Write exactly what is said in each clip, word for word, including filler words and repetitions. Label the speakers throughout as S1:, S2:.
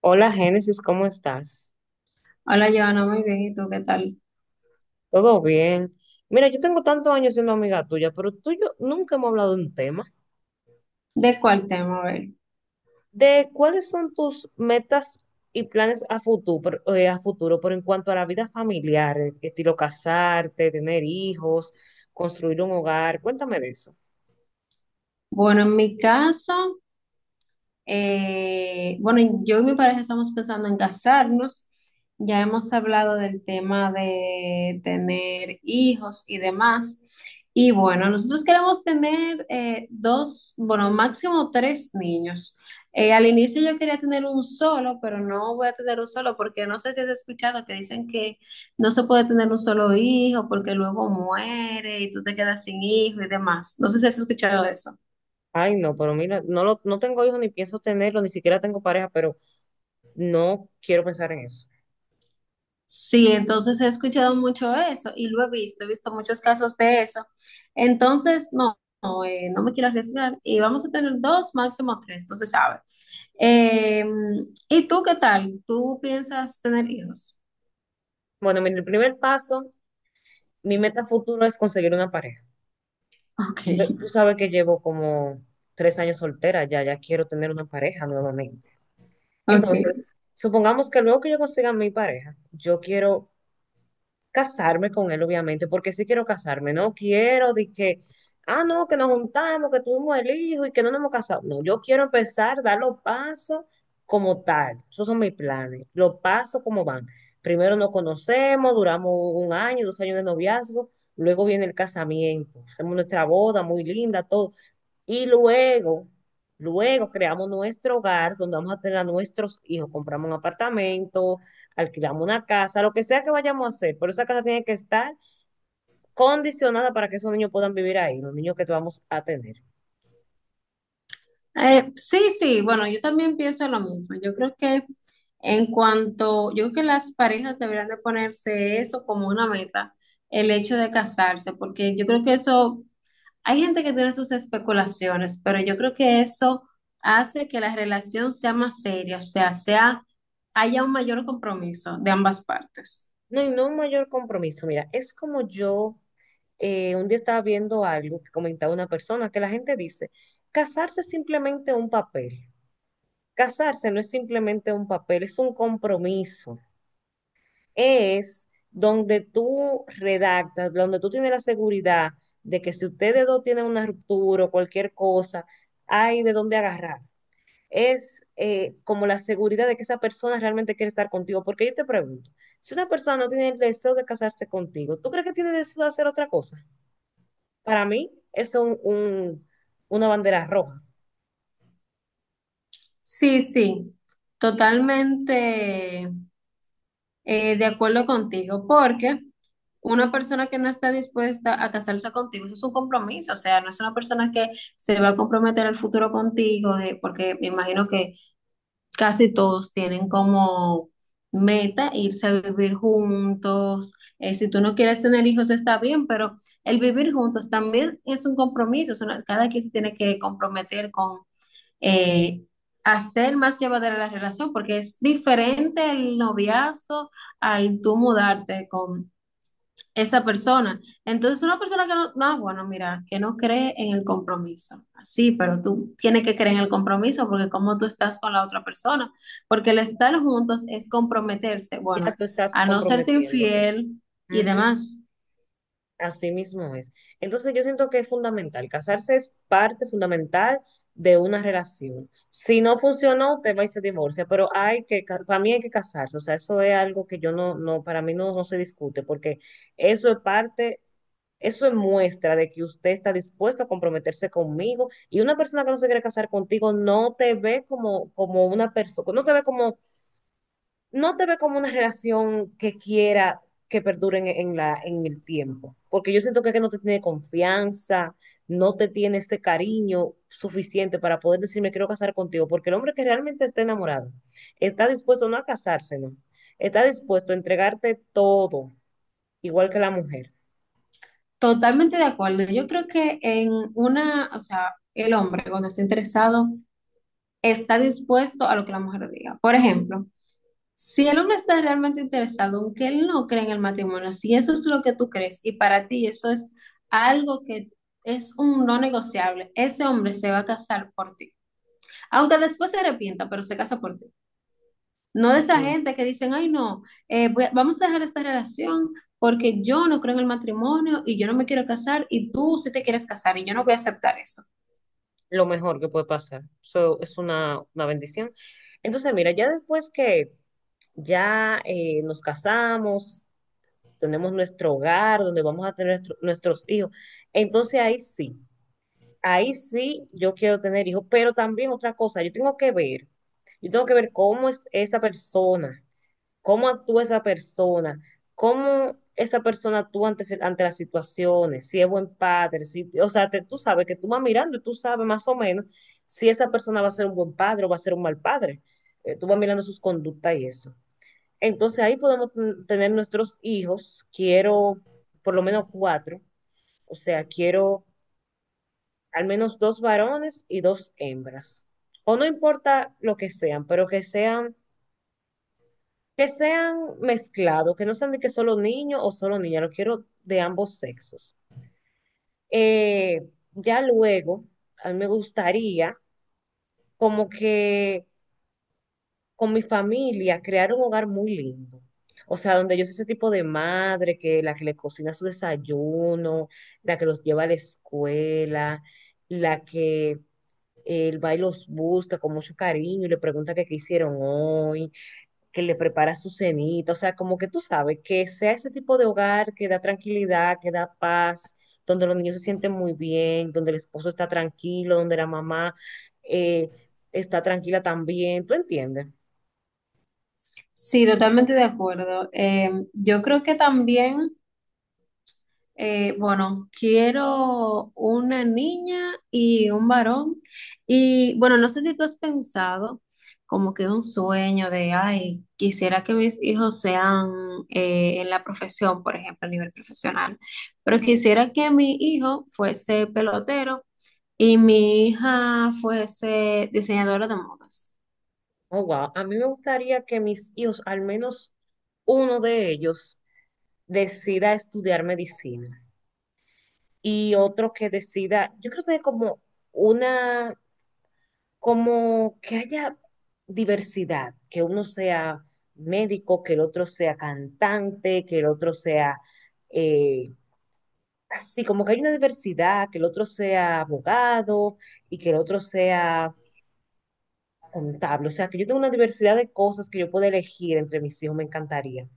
S1: Hola Génesis, ¿cómo estás?
S2: Hola, Joana, muy bien. ¿Y tú qué tal?
S1: ¿Todo bien? Mira, yo tengo tantos años siendo amiga tuya, pero tú y yo nunca hemos hablado de un tema,
S2: ¿De cuál tema? A ver.
S1: de cuáles son tus metas y planes a futuro, eh, a futuro, pero en cuanto a la vida familiar, eh, estilo casarte, tener hijos, construir un hogar, cuéntame de eso.
S2: Bueno, en mi caso, Eh, bueno, yo y mi pareja estamos pensando en casarnos. Ya hemos hablado del tema de tener hijos y demás. Y bueno, nosotros queremos tener eh, dos, bueno, máximo tres niños. Eh, al inicio yo quería tener un solo, pero no voy a tener un solo porque no sé si has escuchado que dicen que no se puede tener un solo hijo porque luego muere y tú te quedas sin hijo y demás. No sé si has escuchado eso.
S1: Ay, no, pero mira, no, lo, no tengo hijos ni pienso tenerlo, ni siquiera tengo pareja, pero no quiero pensar en eso.
S2: Sí, entonces he escuchado mucho eso y lo he visto, he visto muchos casos de eso. Entonces, no, no, eh, no me quiero arriesgar y vamos a tener dos, máximo tres, no se sabe. Eh, ¿Y tú qué tal? ¿Tú piensas tener hijos?
S1: Bueno, mira, el primer paso, mi meta a futuro es conseguir una pareja.
S2: Ok,
S1: Eh, Tú sabes que llevo como tres años soltera ya, ya quiero tener una pareja nuevamente.
S2: ok.
S1: Entonces, supongamos que luego que yo consiga mi pareja, yo quiero casarme con él, obviamente, porque sí quiero casarme. No quiero de que, ah, no, que nos juntamos, que tuvimos el hijo y que no nos hemos casado. No, yo quiero empezar, dar los pasos como tal. Esos son mis planes, los pasos como van. Primero nos conocemos, duramos un año, dos años de noviazgo, luego viene el casamiento. Hacemos nuestra boda muy linda, todo y luego, luego creamos nuestro hogar donde vamos a tener a nuestros hijos. Compramos un apartamento, alquilamos una casa, lo que sea que vayamos a hacer. Pero esa casa tiene que estar condicionada para que esos niños puedan vivir ahí, los niños que vamos a tener.
S2: Eh, sí, sí, bueno, yo también pienso lo mismo. Yo creo que en cuanto, yo creo que las parejas deberían de ponerse eso como una meta, el hecho de casarse, porque yo creo que eso, hay gente que tiene sus especulaciones, pero yo creo que eso hace que la relación sea más seria, o sea, sea, haya un mayor compromiso de ambas partes.
S1: No, y no un mayor compromiso. Mira, es como yo eh, un día estaba viendo algo que comentaba una persona, que la gente dice, casarse es simplemente un papel. Casarse no es simplemente un papel, es un compromiso. Es donde tú redactas, donde tú tienes la seguridad de que si ustedes dos tienen una ruptura o cualquier cosa, hay de dónde agarrar. Es eh, como la seguridad de que esa persona realmente quiere estar contigo. Porque yo te pregunto, si una persona no tiene el deseo de casarse contigo, ¿tú crees que tiene deseo de hacer otra cosa? Para mí, eso es un- un- una bandera roja.
S2: Sí, sí, totalmente eh, de acuerdo contigo, porque una persona que no está dispuesta a casarse contigo, eso es un compromiso, o sea, no es una persona que se va a comprometer al futuro contigo, eh, porque me imagino que casi todos tienen como meta irse a vivir juntos. Eh, si tú no quieres tener hijos, está bien, pero el vivir juntos también es un compromiso. Es una, cada quien se tiene que comprometer con eh, hacer más llevadera la relación, porque es diferente el noviazgo al tú mudarte con esa persona. Entonces, una persona que no, no, bueno, mira, que no cree en el compromiso. Sí, pero tú tienes que creer en el compromiso porque como tú estás con la otra persona, porque el estar juntos es comprometerse,
S1: Ya
S2: bueno,
S1: tú estás
S2: a no serte
S1: comprometiéndote.
S2: infiel y
S1: Ujú.
S2: demás.
S1: Así mismo es. Entonces yo siento que es fundamental. Casarse es parte fundamental de una relación. Si no funcionó, te va y se divorcia, pero hay que, ca- para mí hay que casarse. O sea, eso es algo que yo no, no, para mí no, no se discute, porque eso es parte, eso es muestra de que usted está dispuesto a comprometerse conmigo y una persona que no se quiere casar contigo no te ve como, como una persona, no te ve no te ve como una relación que quiera que perdure en, en la, en el tiempo, porque yo siento que, que no te tiene confianza, no te tiene este cariño suficiente para poder decir me quiero casar contigo, porque el hombre que realmente está enamorado está dispuesto no a casarse, no, está dispuesto a entregarte todo, igual que la mujer,
S2: Totalmente de acuerdo. Yo creo que en una, o sea, el hombre cuando está interesado está dispuesto a lo que la mujer diga. Por ejemplo, si el hombre está realmente interesado, aunque él no cree en el matrimonio, si eso es lo que tú crees y para ti eso es algo que es un no negociable, ese hombre se va a casar por ti. Aunque después se arrepienta, pero se casa por ti. No de esa
S1: así
S2: gente que dicen, ay, no, eh, voy a- vamos a dejar esta relación porque yo no creo en el matrimonio y yo no me quiero casar y tú sí te quieres casar y yo no voy a aceptar eso.
S1: lo mejor que puede pasar. Eso es una, una bendición. Entonces, mira, ya después que ya eh, nos casamos, tenemos nuestro hogar, donde vamos a tener nuestro- nuestros hijos. Entonces ahí sí, ahí sí yo quiero tener hijos, pero también otra cosa, yo tengo que ver, yo tengo que ver cómo es esa persona, cómo actúa esa persona, cómo esa persona actúa ante, se- ante las situaciones, si es buen padre, si, o sea, te- tú sabes que tú vas mirando y tú sabes más o menos si esa persona va a ser un buen padre o va a ser un mal padre. Eh, tú vas mirando sus conductas y eso. Entonces ahí podemos t- tener nuestros hijos, quiero por lo menos cuatro, o sea, quiero al menos dos varones y dos hembras. O no importa lo que sean, pero que sean, que sean mezclados, que no sean de que solo niño o solo niña, lo quiero de ambos sexos. Eh, ya luego, a mí me gustaría como que con mi familia, crear un hogar muy lindo. O sea, donde yo soy ese tipo de madre que la que le cocina su desayuno, la que los lleva a la escuela, la que él va y los busca con mucho cariño y le pregunta que qué hicieron hoy, que le prepara su cenita. O sea, como que tú sabes, que sea ese tipo de hogar que da tranquilidad, que da paz, donde los niños se sienten muy bien, donde el esposo está tranquilo, donde la mamá eh, está tranquila también. ¿Tú entiendes?
S2: Sí, totalmente de acuerdo. Eh, yo creo que también... Eh, bueno, quiero una niña y un varón. Y bueno, no sé si tú has pensado como que un sueño de, ay, quisiera que mis hijos sean eh, en la profesión, por ejemplo, a nivel profesional, pero quisiera que mi hijo fuese pelotero y mi hija fuese diseñadora de modas.
S1: Oh, wow. A mí me gustaría que mis hijos, al menos uno de ellos, decida estudiar medicina y otro que decida, yo creo que es como una, como que haya diversidad, que uno sea médico, que el otro sea cantante, que el otro sea eh, así, como que hay una diversidad, que el otro sea abogado y que el otro sea contable. O sea, que yo tengo una diversidad de cosas que yo puedo elegir entre mis hijos, me encantaría.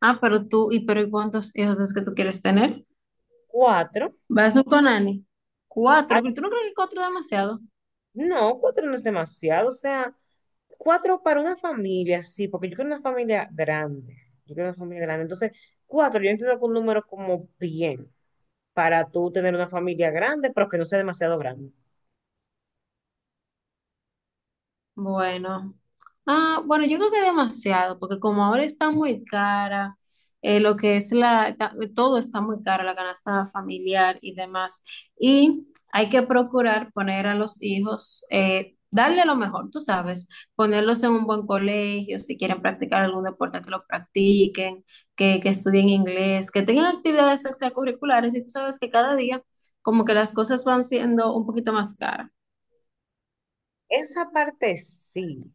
S2: Ah, pero tú, ¿y pero ¿y cuántos hijos es que tú quieres tener?
S1: Cuatro,
S2: ¿Vas con Ani?
S1: ay,
S2: Cuatro, pero tú no crees que cuatro es demasiado.
S1: no, cuatro no es demasiado, o sea, cuatro para una familia, sí, porque yo quiero una familia grande, yo quiero una familia grande. Entonces, cuatro, yo entiendo que un número como bien, para tú tener una familia grande, pero que no sea demasiado grande.
S2: Bueno, ah, bueno, yo creo que demasiado, porque como ahora está muy cara, eh, lo que es la, ta- todo está muy caro, la canasta familiar y demás, y hay que procurar poner a los hijos, eh, darle lo mejor, tú sabes, ponerlos en un buen colegio, si quieren practicar algún deporte, que lo practiquen, que, que estudien inglés, que tengan actividades extracurriculares, y tú sabes que cada día como que las cosas van siendo un poquito más caras.
S1: Esa parte sí,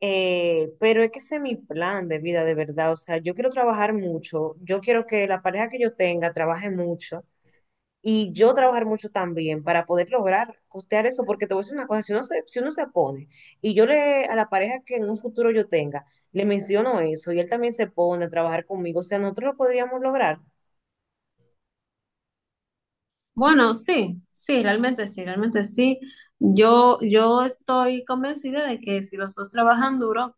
S1: eh, pero es que ese es mi plan de vida, de verdad. O sea, yo quiero trabajar mucho, yo quiero que la pareja que yo tenga trabaje mucho y yo trabajar mucho también para poder lograr costear eso, porque te voy a decir una cosa, si uno se, si uno se pone, y yo le, a la pareja que en un futuro yo tenga, le menciono eso, y él también se pone a trabajar conmigo, o sea, nosotros lo podríamos lograr,
S2: Bueno, sí, sí, realmente sí, realmente sí. Yo, yo estoy convencida de que si los dos trabajan duro,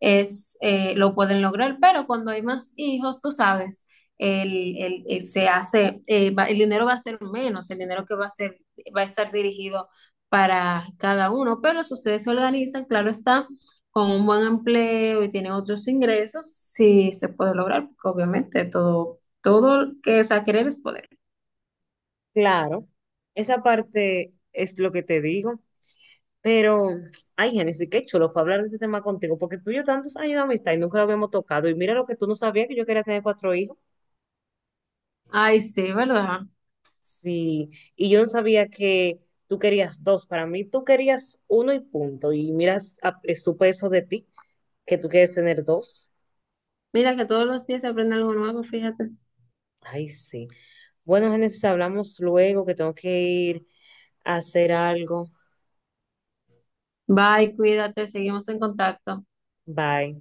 S2: es, eh, lo pueden lograr, pero cuando hay más hijos, tú sabes, el, el- eh, se hace, eh, va- el dinero va a ser menos, el dinero que va a ser, va a estar dirigido para cada uno, pero si ustedes se organizan, claro está, con un buen empleo y tienen otros ingresos, sí se puede lograr, porque obviamente todo, todo que es a querer es poder.
S1: claro, esa parte es lo que te digo, pero, ay, Génesis, qué chulo fue hablar de este tema contigo, porque tú y yo tantos años de amistad y nunca lo habíamos tocado, y mira lo que tú no sabías que yo quería tener cuatro hijos.
S2: Ay, sí, ¿verdad?
S1: Sí, y yo no sabía que tú querías dos. Para mí, tú querías uno y punto. Y miras, a- eh, supe eso de ti, que tú quieres tener dos.
S2: Mira que todos los días se aprende algo nuevo, fíjate.
S1: Ay, sí. Bueno, Génesis, hablamos luego, que tengo que ir a hacer algo.
S2: Bye, cuídate, seguimos en contacto.
S1: Bye.